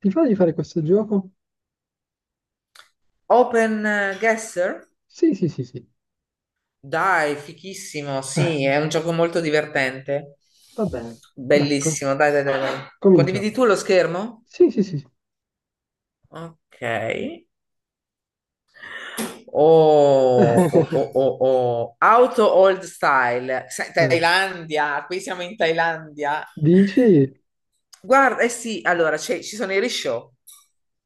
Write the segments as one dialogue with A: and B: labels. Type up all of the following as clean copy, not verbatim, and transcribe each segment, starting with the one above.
A: Ti fa di fare questo gioco?
B: Open Guesser?
A: Sì, sì, sì, sì.
B: Dai, fichissimo, sì,
A: Eh,
B: è un gioco molto divertente.
A: va bene, dai,
B: Bellissimo, dai, dai, dai, dai. Condividi
A: cominciamo.
B: tu lo schermo?
A: Sì, sì, sì, sì.
B: Ok. Oh, oh, oh, oh, oh. Auto old style. Sai,
A: Eh,
B: Thailandia, qui siamo in Thailandia.
A: dici?
B: Guarda, eh sì, allora ci sono i risciò,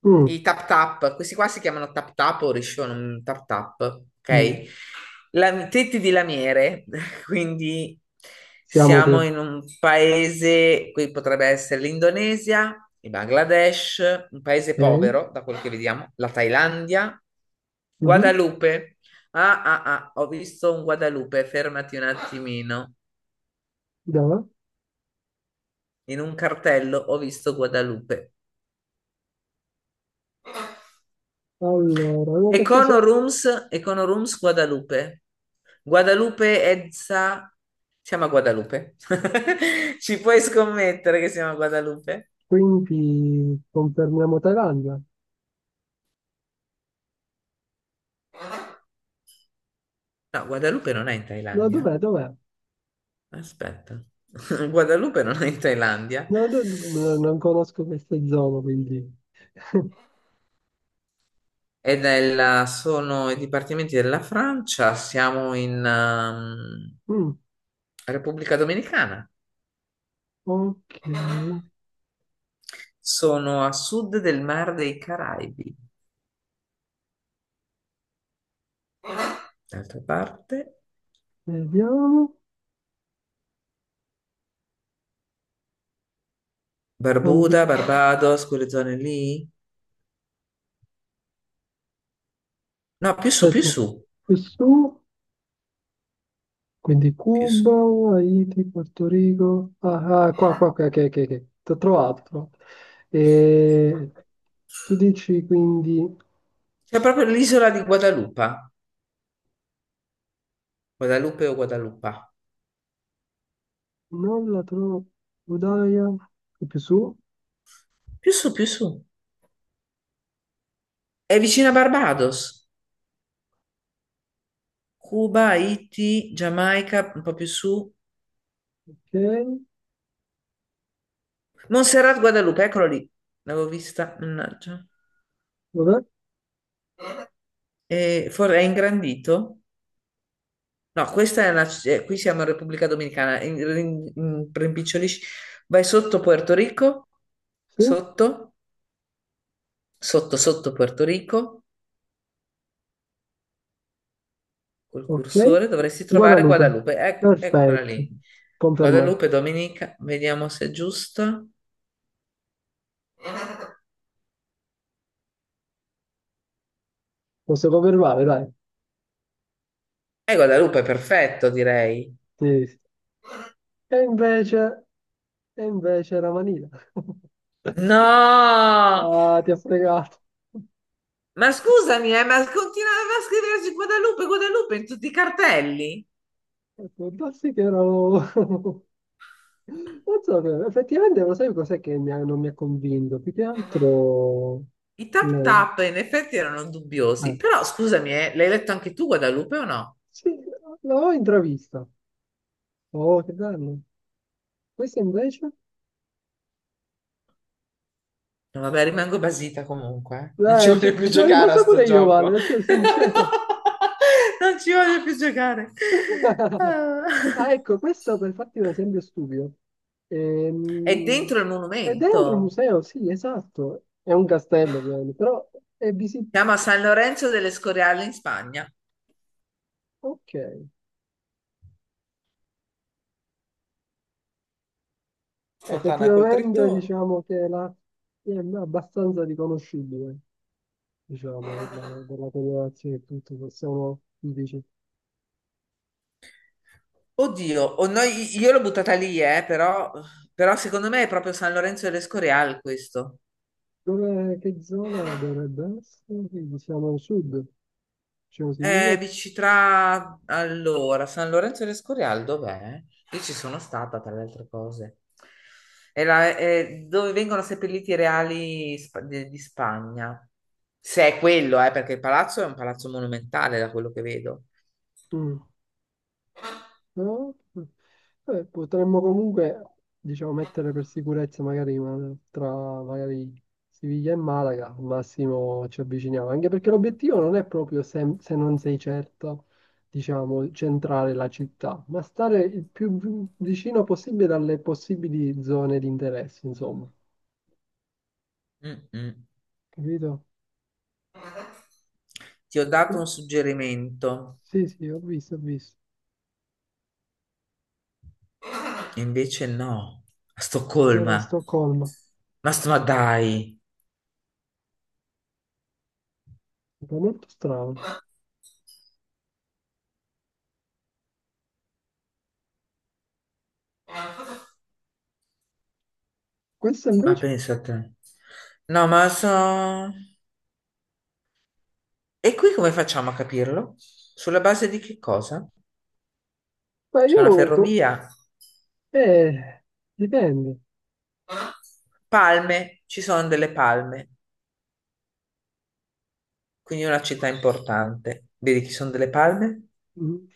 A: Mm,
B: i tap tap, questi qua si chiamano tap tap o risciò, non tap tap,
A: mm.
B: ok? La, tetti di lamiere, quindi
A: Siamo
B: siamo
A: con...
B: in un paese, qui potrebbe essere l'Indonesia, il Bangladesh, un paese
A: Ok,
B: povero, da quello che vediamo, la Thailandia,
A: mhm,
B: Guadalupe. Ah, ah, ah, ho visto un Guadalupe, fermati un attimino.
A: dai.
B: In un cartello ho visto Guadalupe.
A: Allora, no, perché c'è...
B: Econorooms, Econorooms Guadalupe. Guadalupe Edsa. Siamo a Guadalupe. Ci puoi scommettere che siamo a Guadalupe?
A: Quindi confermiamo Thailandia?
B: No, Guadalupe non è in
A: No,
B: Thailandia.
A: dov'è, dov'è?
B: Aspetta. Guadalupe non è in Thailandia.
A: No, no, no, non conosco queste zone, quindi...
B: Sono i dipartimenti della Francia. Siamo in
A: Mm,
B: Repubblica Dominicana.
A: ok,
B: Sono a sud del Mar dei Caraibi. D'altra parte.
A: vediamo.
B: Barbuda,
A: And-
B: Barbados, quelle zone lì? No, più su, più
A: Aspetta,
B: su,
A: più su. Quindi
B: più su.
A: Cuba, Haiti, Porto Rico. Ah, ah, qua, qua, qua, ok, ok, ok. T'ho trovato, t'ho trovato. E tu dici quindi
B: C'è proprio l'isola di Guadalupe, Guadalupe o Guadalupa.
A: non la trovo, Udaya, è più su,
B: Più su, più su. È vicino a Barbados. Cuba, Haiti, Giamaica, un po' più su.
A: ok,
B: Montserrat, Guadalupe, eccolo lì. L'avevo vista, mannaggia.
A: vabbè,
B: E è ingrandito? No, qui siamo in Repubblica Dominicana. Rimpicciolisci. Vai sotto Puerto Rico,
A: sì,
B: sotto, sotto, sotto Puerto Rico. Col
A: ok.
B: cursore dovresti trovare
A: Guadalupe,
B: Guadalupe. Eccola
A: perfetto,
B: lì.
A: confermato.
B: Guadalupe, Domenica, vediamo se è giusto.
A: Posso confermare, dai.
B: E Guadalupe, perfetto, direi.
A: Sì, sì. E invece, e invece era Manila.
B: No!
A: Ah, ti ha fregato.
B: Ma scusami, ma continuava a scriversi Guadalupe, Guadalupe in tutti i cartelli.
A: Può darsi che erano... Non so, però, effettivamente lo sai cos'è che non mi ha convinto? Più che altro...
B: I tap
A: le-
B: tap in effetti erano
A: ah,
B: dubbiosi. Però scusami, l'hai letto anche tu Guadalupe o no?
A: sì, l'ho intravista. Oh, che bello. Questo invece?
B: No, vabbè, rimango basita comunque. Eh. Non ci
A: Ci,
B: voglio più
A: ci sono
B: giocare a
A: rimasto
B: sto
A: pure io male,
B: gioco.
A: ad essere sincero.
B: Non ci voglio più giocare. Ah.
A: Ah, ecco, questo per farti un esempio stupido.
B: È
A: Ehm,
B: dentro il
A: è dentro un
B: monumento.
A: museo, sì, esatto. È un castello, ovviamente, però è visibile.
B: Si chiama San Lorenzo delle Scoriale in Spagna.
A: Ok.
B: Fontana col
A: Effettivamente
B: Trittone.
A: diciamo che la, è abbastanza riconoscibile, diciamo, la, dalla colorazione e tutto, se sono dici.
B: Oddio, io l'ho buttata lì, però, però secondo me è proprio San Lorenzo delle Scoriale questo.
A: Dove, che zona dovrebbe essere? Qui siamo al sud, diciamo sì, io.
B: Dici tra allora San Lorenzo de Escorial dov'è? Io ci sono stata tra le altre cose. È dove vengono seppelliti i reali di Spagna. Se è quello, perché il palazzo è un palazzo monumentale da quello che vedo.
A: Mm. No? Potremmo comunque, diciamo, mettere per sicurezza magari tra magari Siviglia e Malaga, al massimo ci avviciniamo, anche perché l'obiettivo non è proprio se, se non sei certo, diciamo, centrare la città, ma stare il più vicino possibile alle possibili zone di interesse, insomma,
B: Mm-mm.
A: capito?
B: Ti ho
A: Sì,
B: dato un suggerimento,
A: sì, sì, ho visto, ho visto.
B: e invece no, a
A: Era a
B: Stoccolma.
A: Stoccolma,
B: Ma dai,
A: è molto strano. Questo
B: ma
A: invece,
B: pensa a te. No, ma so. E qui come facciamo a capirlo? Sulla base di che cosa?
A: ma
B: C'è una
A: io,
B: ferrovia,
A: eh, dipende.
B: palme, ci sono delle palme, quindi è una città importante. Vedi che ci sono delle palme?
A: Mm.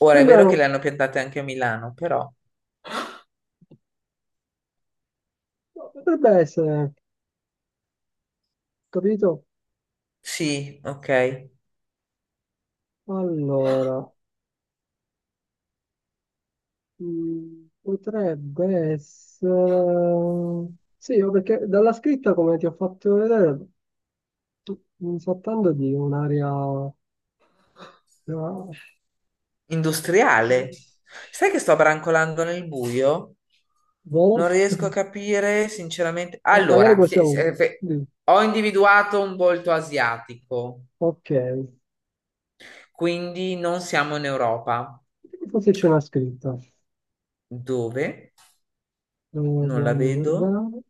B: Ora è vero
A: Sembrano,
B: che le hanno piantate anche a Milano, però
A: potrebbe essere, capito?
B: sì, ok.
A: Allora, potrebbe essere... Sì, o perché dalla scritta, come ti ho fatto vedere, mi sto trattando di un'area... no,
B: Industriale. Sai che sto brancolando nel buio?
A: boh.
B: Non riesco a capire, sinceramente.
A: No, magari
B: Allora,
A: possiamo... di-
B: ho individuato un volto asiatico,
A: Ok,
B: quindi non siamo in Europa.
A: forse c'è una scritta.
B: Dove? Non la
A: Dobbiamo
B: vedo.
A: guardare.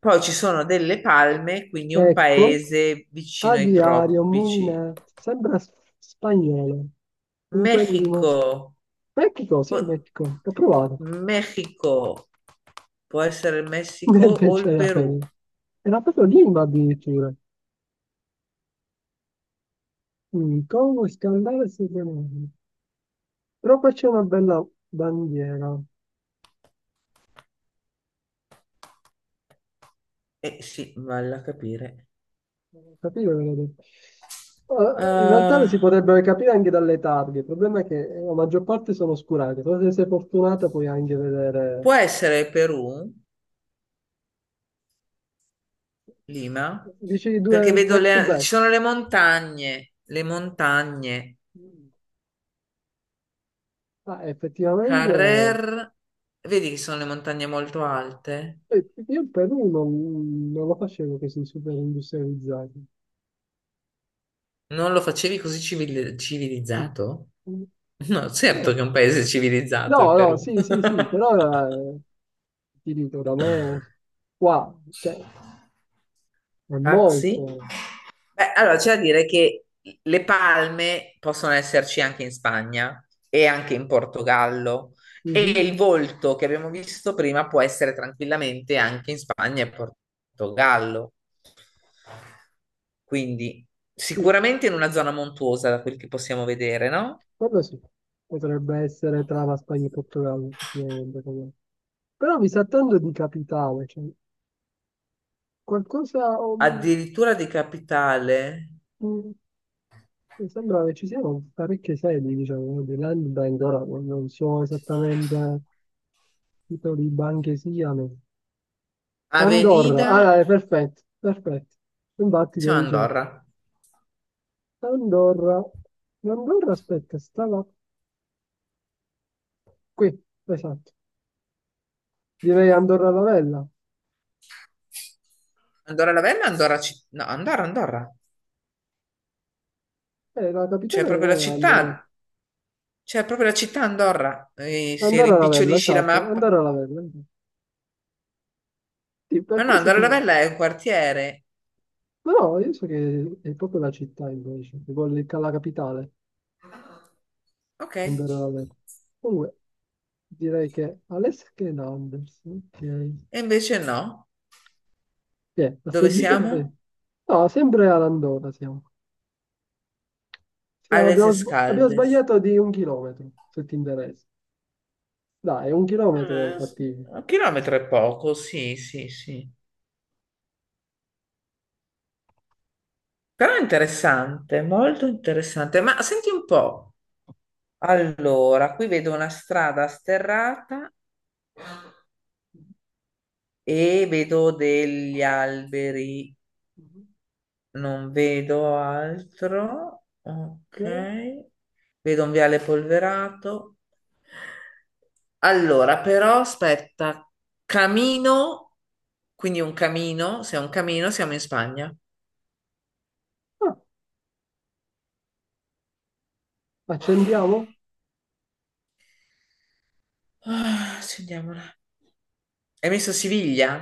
B: Poi ci sono delle palme, quindi un
A: Ecco,
B: paese vicino ai
A: aviario,
B: tropici.
A: Molinare, sembra spagnolo. Comunque di uno
B: Messico.
A: Mexico, sì,
B: O-
A: Mexico, ho provato.
B: Messico. Può essere il Messico
A: E
B: o
A: invece
B: il
A: era per...
B: Perù.
A: Era proprio Lima addirittura. Mm, Congo, Scandale, Sud-America. Però qua c'è una bella bandiera.
B: Eh sì, vale a capire.
A: Capire, vedete. In realtà le si
B: Ah,
A: potrebbero capire anche dalle targhe. Il problema è che la maggior parte sono oscurate. Però se sei fortunata puoi anche vedere...
B: può essere il Perù, Lima,
A: Dici
B: perché
A: due back to
B: ci
A: back.
B: sono le montagne, le montagne.
A: Mm. Ah, effettivamente...
B: Carrer, vedi che sono le montagne molto alte?
A: io il Perù non lo facevo che si super industrializzato.
B: Non lo facevi così civilizzato?
A: No,
B: No, certo che è un paese civilizzato il
A: no,
B: Perù.
A: sì, sì, sì, però eh, ti dico, da me qua, cioè, è
B: Taxi?
A: molto.
B: Beh, allora c'è da dire che le palme possono esserci anche in Spagna e anche in Portogallo e
A: Mhm,
B: il volto che abbiamo visto prima può essere tranquillamente anche in Spagna e Portogallo. Quindi
A: sì,
B: sicuramente in una zona montuosa, da quel che possiamo vedere, no?
A: quello sì. Potrebbe essere tra la Spagna e il Portogallo, sicuramente. Però mi sa tanto di capitale, cioè, qualcosa...
B: Addirittura di capitale.
A: mm, mi sembra che ci siano parecchie sedi, diciamo, no, di Land Bank, ora non so esattamente titoli di banche siano. Andorra, ah,
B: Avenida,
A: dai, perfetto, perfetto. Infatti,
B: sì,
A: lo
B: no,
A: dicevo.
B: Andorra.
A: Andorra. Andorra, aspetta, stava qui, esatto. Direi Andorra la Vella.
B: Andorra la Vella, Andorra, no, Andorra, Andorra.
A: La
B: C'è
A: capitale
B: proprio
A: non
B: la
A: è Andorra.
B: città, c'è proprio la città Andorra. E se
A: Andorra la Vella,
B: rimpicciolisci la
A: esatto.
B: mappa.
A: Andorra la Vella. Sì,
B: Ma
A: per
B: no,
A: questo
B: Andorra la
A: ti...
B: Vella è un quartiere.
A: Ma no, io so che è proprio la città invece, che vuole la capitale,
B: Ok. E
A: Andorra la Vella. Comunque, direi che Alessia Anders, ok.
B: invece no.
A: Sì, a sto
B: Dove
A: giro....
B: siamo?
A: No, sempre all'Andorra siamo.
B: A
A: Siamo-
B: Les
A: abbiamo, abbiamo
B: Escaldes.
A: sbagliato di un chilometro, se ti interessa. Dai, un chilometro è
B: Eh,
A: fattibile.
B: un chilometro è poco, sì, sì, sì. Però è interessante, molto interessante. Ma senti un po'. Allora, qui vedo una strada sterrata e vedo degli alberi, non vedo altro.
A: Ok?
B: Ok. Vedo un viale polverato. Allora, però aspetta, camino, quindi un camino, se è un camino siamo in Spagna.
A: Ah, accendiamo?
B: Ah, accendiamola. Hai messo Siviglia?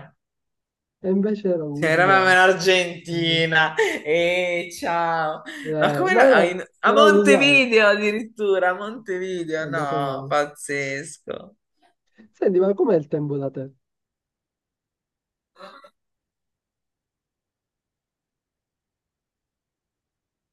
A: E invece era
B: Sì, eravamo
A: l'Uruguay.
B: in Argentina e ciao, ma come
A: No,
B: era- a
A: no,
B: in- a
A: era l'Uruguay.
B: Montevideo addirittura, a
A: È
B: Montevideo,
A: andato
B: no,
A: male.
B: pazzesco.
A: Senti, ma com'è il tempo da te?